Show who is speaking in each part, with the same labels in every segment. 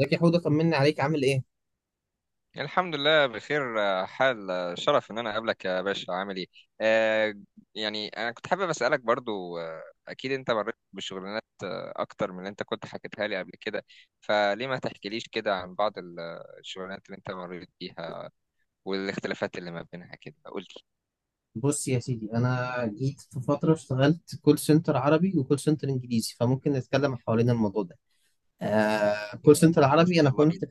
Speaker 1: ازيك يا حوده؟ طمني عليك، عامل ايه؟
Speaker 2: الحمد لله بخير، حال، شرف ان انا اقابلك يا باشا. عامل ايه؟ آه، يعني انا كنت حابب اسالك برضو. اكيد انت مريت بشغلانات اكتر من اللي انت كنت حكيتها لي قبل كده. فليه ما تحكيليش كده عن بعض الشغلانات اللي انت مريت بيها والاختلافات اللي ما بينها كده؟ قلت
Speaker 1: بص يا سيدي، انا جيت في فتره اشتغلت كول سنتر عربي وكول سنتر انجليزي، فممكن نتكلم حوالين الموضوع ده. آه كول سنتر عربي
Speaker 2: ماشي،
Speaker 1: انا
Speaker 2: يلا
Speaker 1: كنت.
Speaker 2: بينا.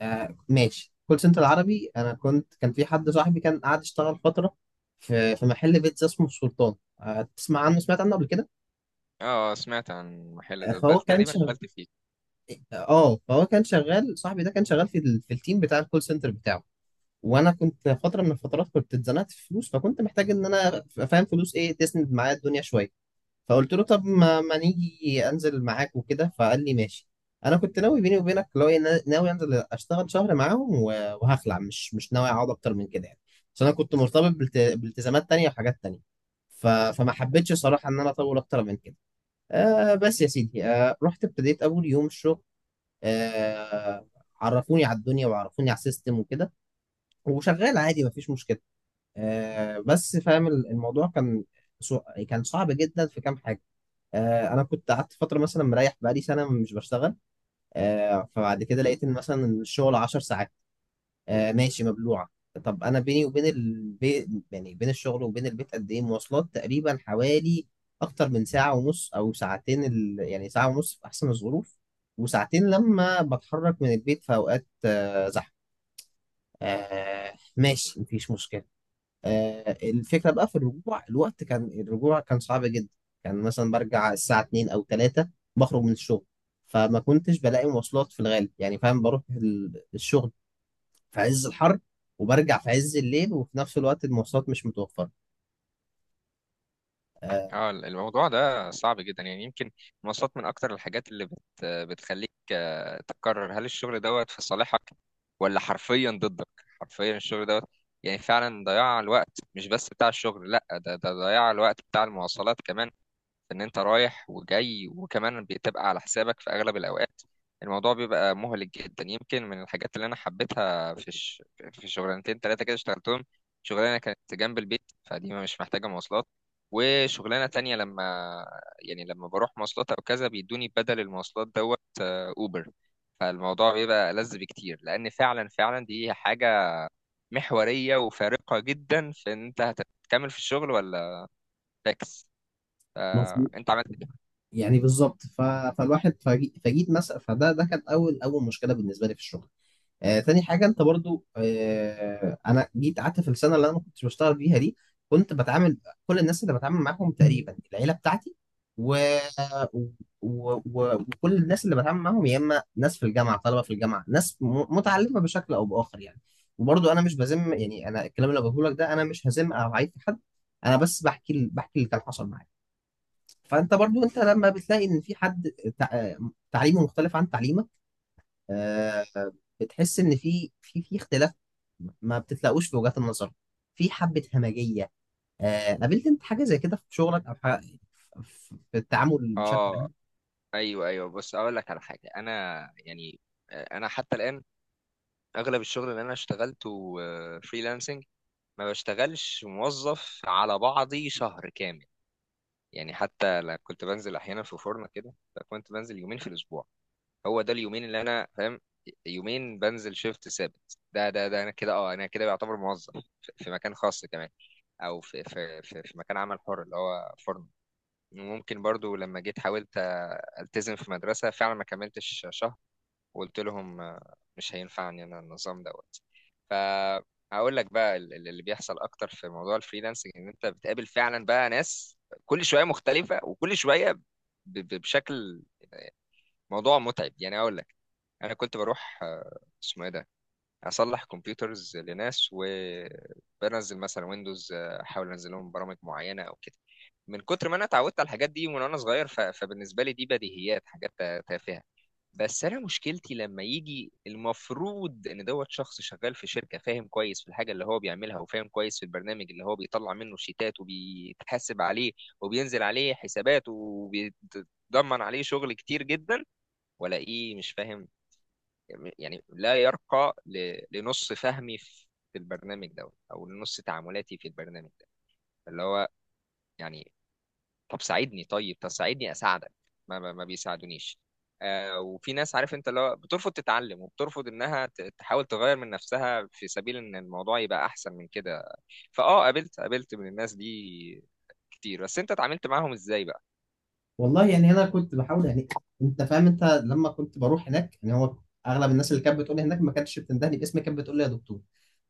Speaker 1: ماشي، كول سنتر عربي انا كنت، كان في حد صاحبي كان قاعد يشتغل فتره في محل بيتزا اسمه السلطان. آه، تسمع عنه؟ سمعت عنه قبل كده؟
Speaker 2: اه، سمعت عن المحل
Speaker 1: آه،
Speaker 2: ده
Speaker 1: فهو
Speaker 2: بل
Speaker 1: كان
Speaker 2: تقريبا
Speaker 1: شغال.
Speaker 2: قبلت فيه.
Speaker 1: اه فهو كان شغال، صاحبي ده كان شغال في في التيم بتاع الكول سنتر بتاعه. وانا كنت فتره من الفترات كنت اتزنقت في فلوس، فكنت محتاج ان انا ابقى فاهم فلوس ايه تسند معايا الدنيا شويه. فقلت له طب ما نيجي انزل معاك وكده، فقال لي ماشي. انا كنت ناوي بيني وبينك لو إيه، ناوي انزل اشتغل شهر معاهم وهخلع، مش ناوي اقعد اكتر من كده يعني. عشان انا كنت مرتبط بالتزامات تانية وحاجات تانية. فما حبيتش صراحه ان انا اطول اكتر من كده. آه بس يا سيدي، آه رحت ابتديت اول يوم الشغل. آه، عرفوني على الدنيا وعرفوني على السيستم وكده، وشغال عادي مفيش مشكله. آه، بس فاهم، الموضوع كان، سو- كان صعب جدا في كام حاجه. آه، انا كنت قعدت فتره، مثلا مريح بقالي سنه مش بشتغل. آه، فبعد كده لقيت ان مثلا الشغل 10 ساعات. آه، ماشي مبلوعه. طب انا بيني وبين البيت، يعني بين الشغل وبين البيت قد ايه مواصلات؟ تقريبا حوالي اكتر من ساعه ونص او ساعتين، يعني ساعه ونص في احسن الظروف، وساعتين لما بتحرك من البيت في اوقات آه، زحمه. آه، ماشي مفيش مشكله. آه، الفكرة بقى في الرجوع، الوقت كان الرجوع كان صعب جدا. كان مثلا برجع الساعة 2 أو 3، بخرج من الشغل فما كنتش بلاقي مواصلات في الغالب، يعني فاهم بروح الشغل في عز الحر، وبرجع في عز الليل، وفي نفس الوقت المواصلات مش متوفرة. آه،
Speaker 2: اه، الموضوع ده صعب جدا يعني. يمكن المواصلات من اكتر الحاجات اللي بتخليك تقرر هل الشغل دوت في صالحك ولا حرفيا ضدك. حرفيا الشغل دوت يعني فعلا ضياع الوقت، مش بس بتاع الشغل، لا، ده ضياع الوقت بتاع المواصلات كمان، ان انت رايح وجاي، وكمان بتبقى على حسابك في اغلب الاوقات. الموضوع بيبقى مهلك جدا. يمكن من الحاجات اللي انا حبيتها في في شغلانتين ثلاثه كده اشتغلتهم: شغلانه كانت جنب البيت فدي مش محتاجه مواصلات، وشغلانه تانية لما، يعني لما بروح مواصلات او كذا بيدوني بدل المواصلات دوت، اوبر. فالموضوع بيبقى ألذ بكتير، لان فعلا فعلا دي حاجه محوريه وفارقه جدا في ان انت هتكمل في الشغل ولا فاكس.
Speaker 1: مظبوط،
Speaker 2: انت عملت ايه؟
Speaker 1: يعني بالظبط. فالواحد، فجيت مثلا، فده ده كان أول أول مشكلة بالنسبة لي في الشغل. آه، تاني حاجة، انت برضو آه انا جيت قعدت في السنة اللي انا ما كنتش بشتغل فيها دي، كنت بتعامل كل الناس اللي بتعامل معاهم تقريبا العيلة بتاعتي و... و... و... وكل الناس اللي بتعامل معاهم يا اما ناس في الجامعة، طلبة في الجامعة، ناس متعلمة بشكل او بآخر يعني. وبرضو انا مش بذم، يعني انا الكلام اللي بقوله لك ده انا مش هذم او هعيب في حد، انا بس بحكي بحكي اللي كان حصل معايا. فانت برضو انت لما بتلاقي ان في حد تع... تعليمه مختلف عن تعليمك، آه، بتحس ان في اختلاف، ما بتتلاقوش في وجهات النظر، في حبة همجية. آه، قابلت انت حاجة زي كده في شغلك او حاجة، في في التعامل بشكل
Speaker 2: اه،
Speaker 1: عام؟
Speaker 2: ايوه ايوه، بص اقول لك على حاجه. انا يعني، انا حتى الان اغلب الشغل اللي انا اشتغلته فريلانسنج. ما بشتغلش موظف على بعضي شهر كامل. يعني حتى لا كنت بنزل احيانا في فرن كده، فكنت بنزل يومين في الاسبوع. هو ده اليومين اللي انا فاهم، يومين بنزل شيفت ثابت. ده انا كده، اه انا كده بعتبر موظف في مكان خاص كمان، او في مكان عمل حر اللي هو فرن. ممكن برضو لما جيت حاولت التزم في مدرسه، فعلا ما كملتش شهر وقلت لهم مش هينفعني انا النظام دوت. فهقول لك بقى اللي بيحصل اكتر في موضوع الفريلانسنج ان انت بتقابل فعلا بقى ناس كل شويه مختلفه، وكل شويه بشكل، موضوع متعب يعني. اقول لك، انا كنت بروح، اسمه ايه ده، اصلح كمبيوترز لناس وبنزل مثلا ويندوز، احاول انزل لهم برامج معينه او كده. من كتر ما انا اتعودت على الحاجات دي من وانا صغير، فبالنسبه لي دي بديهيات، حاجات تافهه. بس انا مشكلتي لما يجي المفروض ان دوت شخص شغال في شركه، فاهم كويس في الحاجه اللي هو بيعملها، وفاهم كويس في البرنامج اللي هو بيطلع منه الشيتات وبيتحاسب عليه وبينزل عليه حسابات وبيتضمن عليه شغل كتير جدا، ولا ايه، مش فاهم، يعني لا يرقى لنص فهمي في البرنامج دوت او لنص تعاملاتي في البرنامج ده، اللي هو يعني طب ساعدني، طيب، طب ساعدني اساعدك. ما بيساعدونيش. آه، وفي ناس، عارف انت، اللي هو بترفض تتعلم وبترفض انها تحاول تغير من نفسها في سبيل ان الموضوع يبقى احسن من كده. فاه، قابلت من الناس دي كتير. بس انت اتعاملت معاهم ازاي بقى؟
Speaker 1: والله يعني انا كنت بحاول يعني. انت فاهم، انت لما كنت بروح هناك، يعني هو اغلب الناس اللي كانت بتقول لي هناك ما كانتش بتندهني باسمي، كانت بتقول لي يا دكتور.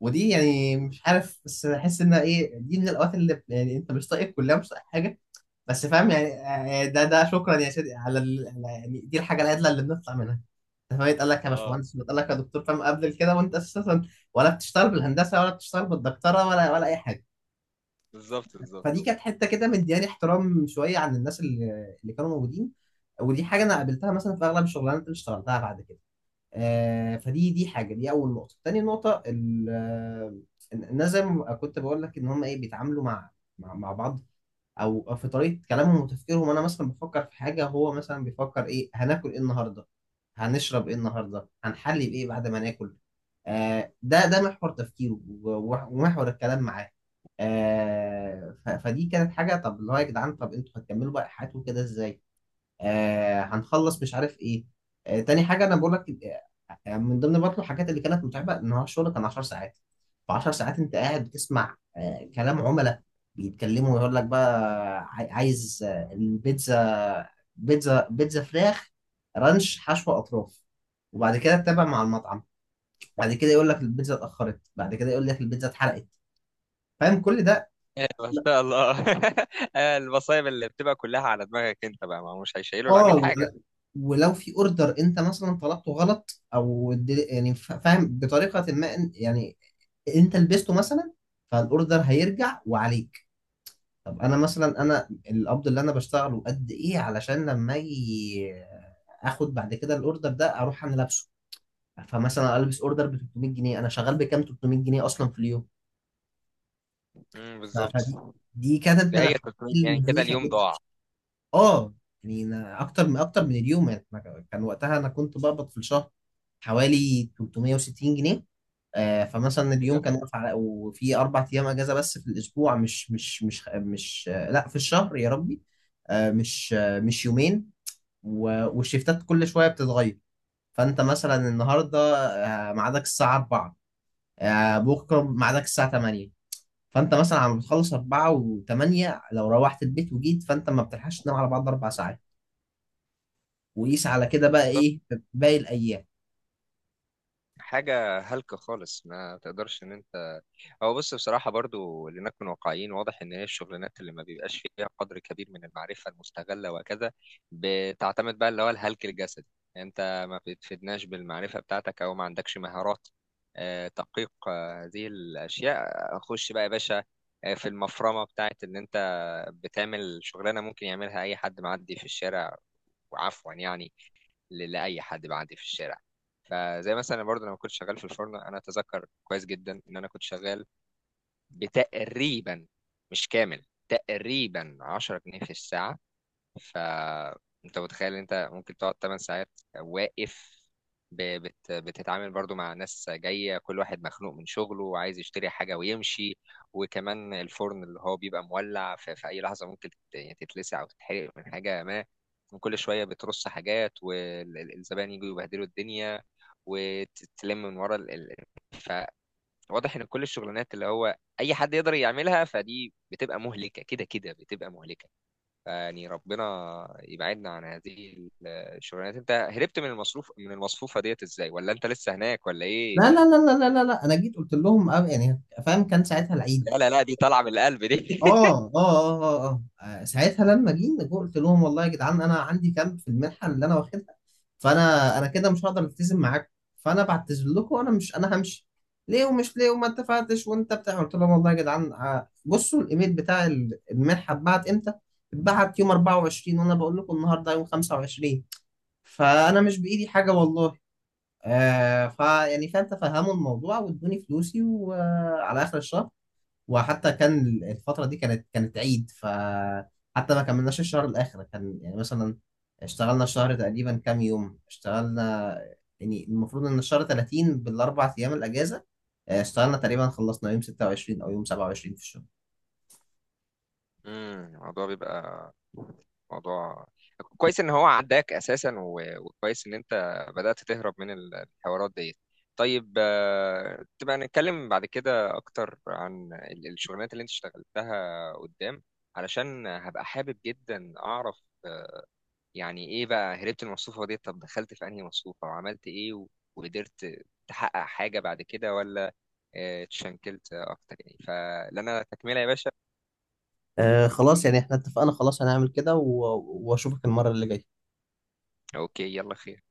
Speaker 1: ودي يعني مش عارف، بس احس انها ايه، دي من الاوقات اللي يعني انت مش طايق الكليه، مش طايق حاجه، بس فاهم يعني، آه، ده ده شكرا يا سيدي على يعني دي الحاجه الادنى اللي بنطلع منها. انت فاهم، يتقال لك يا
Speaker 2: اه،
Speaker 1: باشمهندس، ويتقال لك يا دكتور، فاهم قبل كده وانت اساسا ولا بتشتغل بالهندسه ولا بتشتغل بالدكتوره ولا اي حاجه.
Speaker 2: بالظبط بالظبط.
Speaker 1: فدي كانت حته كده مدياني احترام شويه عن الناس اللي كانوا موجودين. ودي حاجه انا قابلتها مثلا في اغلب الشغلانات اللي اشتغلتها بعد كده. آه، فدي دي حاجه، دي اول نقطه. تاني نقطه، الناس زي ما كنت بقول لك ان هم ايه، بيتعاملوا مع مع بعض، أو في طريقه كلامهم وتفكيرهم. انا مثلا بفكر في حاجه، هو مثلا بيفكر ايه هناكل ايه النهارده، هنشرب ايه النهارده، هنحلي بايه بعد ما ناكل. آه ده ده محور تفكيره ومحور الكلام معاه. آه فدي كانت حاجه، طب اللي هو يا جدعان، طب انتوا هتكملوا بقى حياتكم كده ازاي؟ آه هنخلص مش عارف ايه. آه تاني حاجه انا بقول لك من ضمن برضه الحاجات اللي كانت متعبه ان هو الشغل كان 10 ساعات. ف 10 ساعات انت قاعد بتسمع آه كلام عملاء بيتكلموا ويقول لك بقى، عايز آه، البيتزا، بيتزا، بيتزا فراخ رانش حشو اطراف. وبعد كده تتابع مع المطعم، بعد كده يقول لك البيتزا اتاخرت، بعد كده يقول لك البيتزا اتحرقت، فاهم كل ده.
Speaker 2: ما شاء الله المصايب اللي بتبقى كلها على دماغك انت بقى، ما هو مش هيشيلوا
Speaker 1: اه،
Speaker 2: العميل حاجه.
Speaker 1: ولو في اوردر انت مثلا طلبته غلط او يعني ف- فاهم بطريقه ما يعني انت لبسته مثلا، فالاوردر هيرجع وعليك. طب انا مثلا، انا القبض اللي انا بشتغله قد ايه علشان لما اجي اخد بعد كده الاوردر ده اروح انا لابسه؟ فمثلا البس اوردر ب 300 جنيه، انا شغال بكام؟ 300 جنيه اصلا في اليوم.
Speaker 2: امم،
Speaker 1: ف-
Speaker 2: بالظبط.
Speaker 1: فدي دي كانت
Speaker 2: ده
Speaker 1: من
Speaker 2: هي
Speaker 1: الحاجات
Speaker 2: 300، يعني كده
Speaker 1: المهلكه
Speaker 2: اليوم
Speaker 1: جدا.
Speaker 2: ضاع
Speaker 1: اه يعني أنا اكتر من اليوم، يعني أنا كان وقتها انا كنت بقبض في الشهر حوالي 360 جنيه. آه فمثلا اليوم
Speaker 2: كده.
Speaker 1: كان واقف على، وفي اربع ايام اجازه بس في الاسبوع، مش آه لا في الشهر يا ربي. آه مش يومين. والشيفتات كل شويه بتتغير. فانت مثلا النهارده آه ميعادك الساعه 4، آه بكره ميعادك الساعه 8. فانت مثلا عم بتخلص 4 و8، لو روحت البيت وجيت فانت ما بتلحقش تنام على بعض اربع ساعات. وقيس على كده بقى ايه في باقي الايام.
Speaker 2: حاجة هلكة خالص، ما تقدرش ان انت، هو بص، بصراحة برضو لنكن واقعيين، واضح ان هي الشغلانات اللي ما بيبقاش فيها قدر كبير من المعرفة المستغلة وكذا، بتعتمد بقى اللي هو الهلك الجسدي. يعني انت ما بتفيدناش بالمعرفة بتاعتك، او ما عندكش مهارات تحقيق هذه الاشياء. خش بقى يا باشا في المفرمة بتاعت ان انت بتعمل شغلانة ممكن يعملها اي حد معدي في الشارع، وعفوا يعني، لاي حد بعدي في الشارع. فزي مثلا برضه لما كنت شغال في الفرن، انا اتذكر كويس جدا ان انا كنت شغال بتقريبا، مش كامل، تقريبا 10 جنيه في الساعه. فانت متخيل إن انت ممكن تقعد 8 ساعات واقف، بتتعامل برضو مع ناس جاية كل واحد مخنوق من شغله وعايز يشتري حاجة ويمشي، وكمان الفرن اللي هو بيبقى مولع في أي لحظة ممكن تتلسع أو تتحرق من حاجة ما، وكل شوية بترص حاجات والزبائن يجوا يبهدلوا الدنيا، وتتلم من ورا فواضح إن كل الشغلانات اللي هو أي حد يقدر يعملها، فدي بتبقى مهلكة كده، كده بتبقى مهلكة يعني. ربنا يبعدنا عن هذه الشغلانات. انت هربت من المصروف، من المصفوفة ديت ازاي؟ ولا انت لسه هناك، ولا ايه؟
Speaker 1: لا، انا جيت قلت لهم أه، يعني فاهم كان ساعتها العيد.
Speaker 2: لا لا لا، دي طالعة من القلب دي.
Speaker 1: ساعتها لما جينا قلت لهم والله يا جدعان انا عندي كام في المنحه اللي انا واخدها، فانا كده مش هقدر التزم معاكم، فانا بعتذر لكم، وانا مش انا همشي ليه ومش ليه وما اتفقتش وانت بتاع. قلت لهم والله يا جدعان آه، بصوا الايميل بتاع المنحه اتبعت امتى، اتبعت يوم 24 وانا بقول لكم النهارده يوم 25، فانا مش بايدي حاجه والله. آه فا يعني فاهم، تفهموا الموضوع وادوني فلوسي وعلى اخر الشهر. وحتى كان الفتره دي كانت عيد، فحتى ما كملناش الشهر الاخر، كان يعني مثلا اشتغلنا الشهر تقريبا كام يوم اشتغلنا، يعني المفروض ان الشهر 30 بالاربع ايام الاجازه، آه، اشتغلنا تقريبا خلصنا يوم 26 او يوم 27 في الشهر.
Speaker 2: امم، الموضوع بيبقى موضوع كويس ان هو عداك اساسا، وكويس ان انت بدأت تهرب من الحوارات ديت. طيب تبقى نتكلم بعد كده اكتر عن الشغلانات اللي انت اشتغلتها قدام، علشان هبقى حابب جدا اعرف يعني ايه بقى هربت من المصفوفة دي، طب دخلت في انهي مصفوفة وعملت ايه، و... وقدرت تحقق حاجة بعد كده، ولا اتشنكلت اكتر؟ يعني فلنا تكملة يا باشا.
Speaker 1: آه خلاص، يعني احنا اتفقنا خلاص، هنعمل كده واشوفك المره اللي جايه.
Speaker 2: اوكي، يلا خير.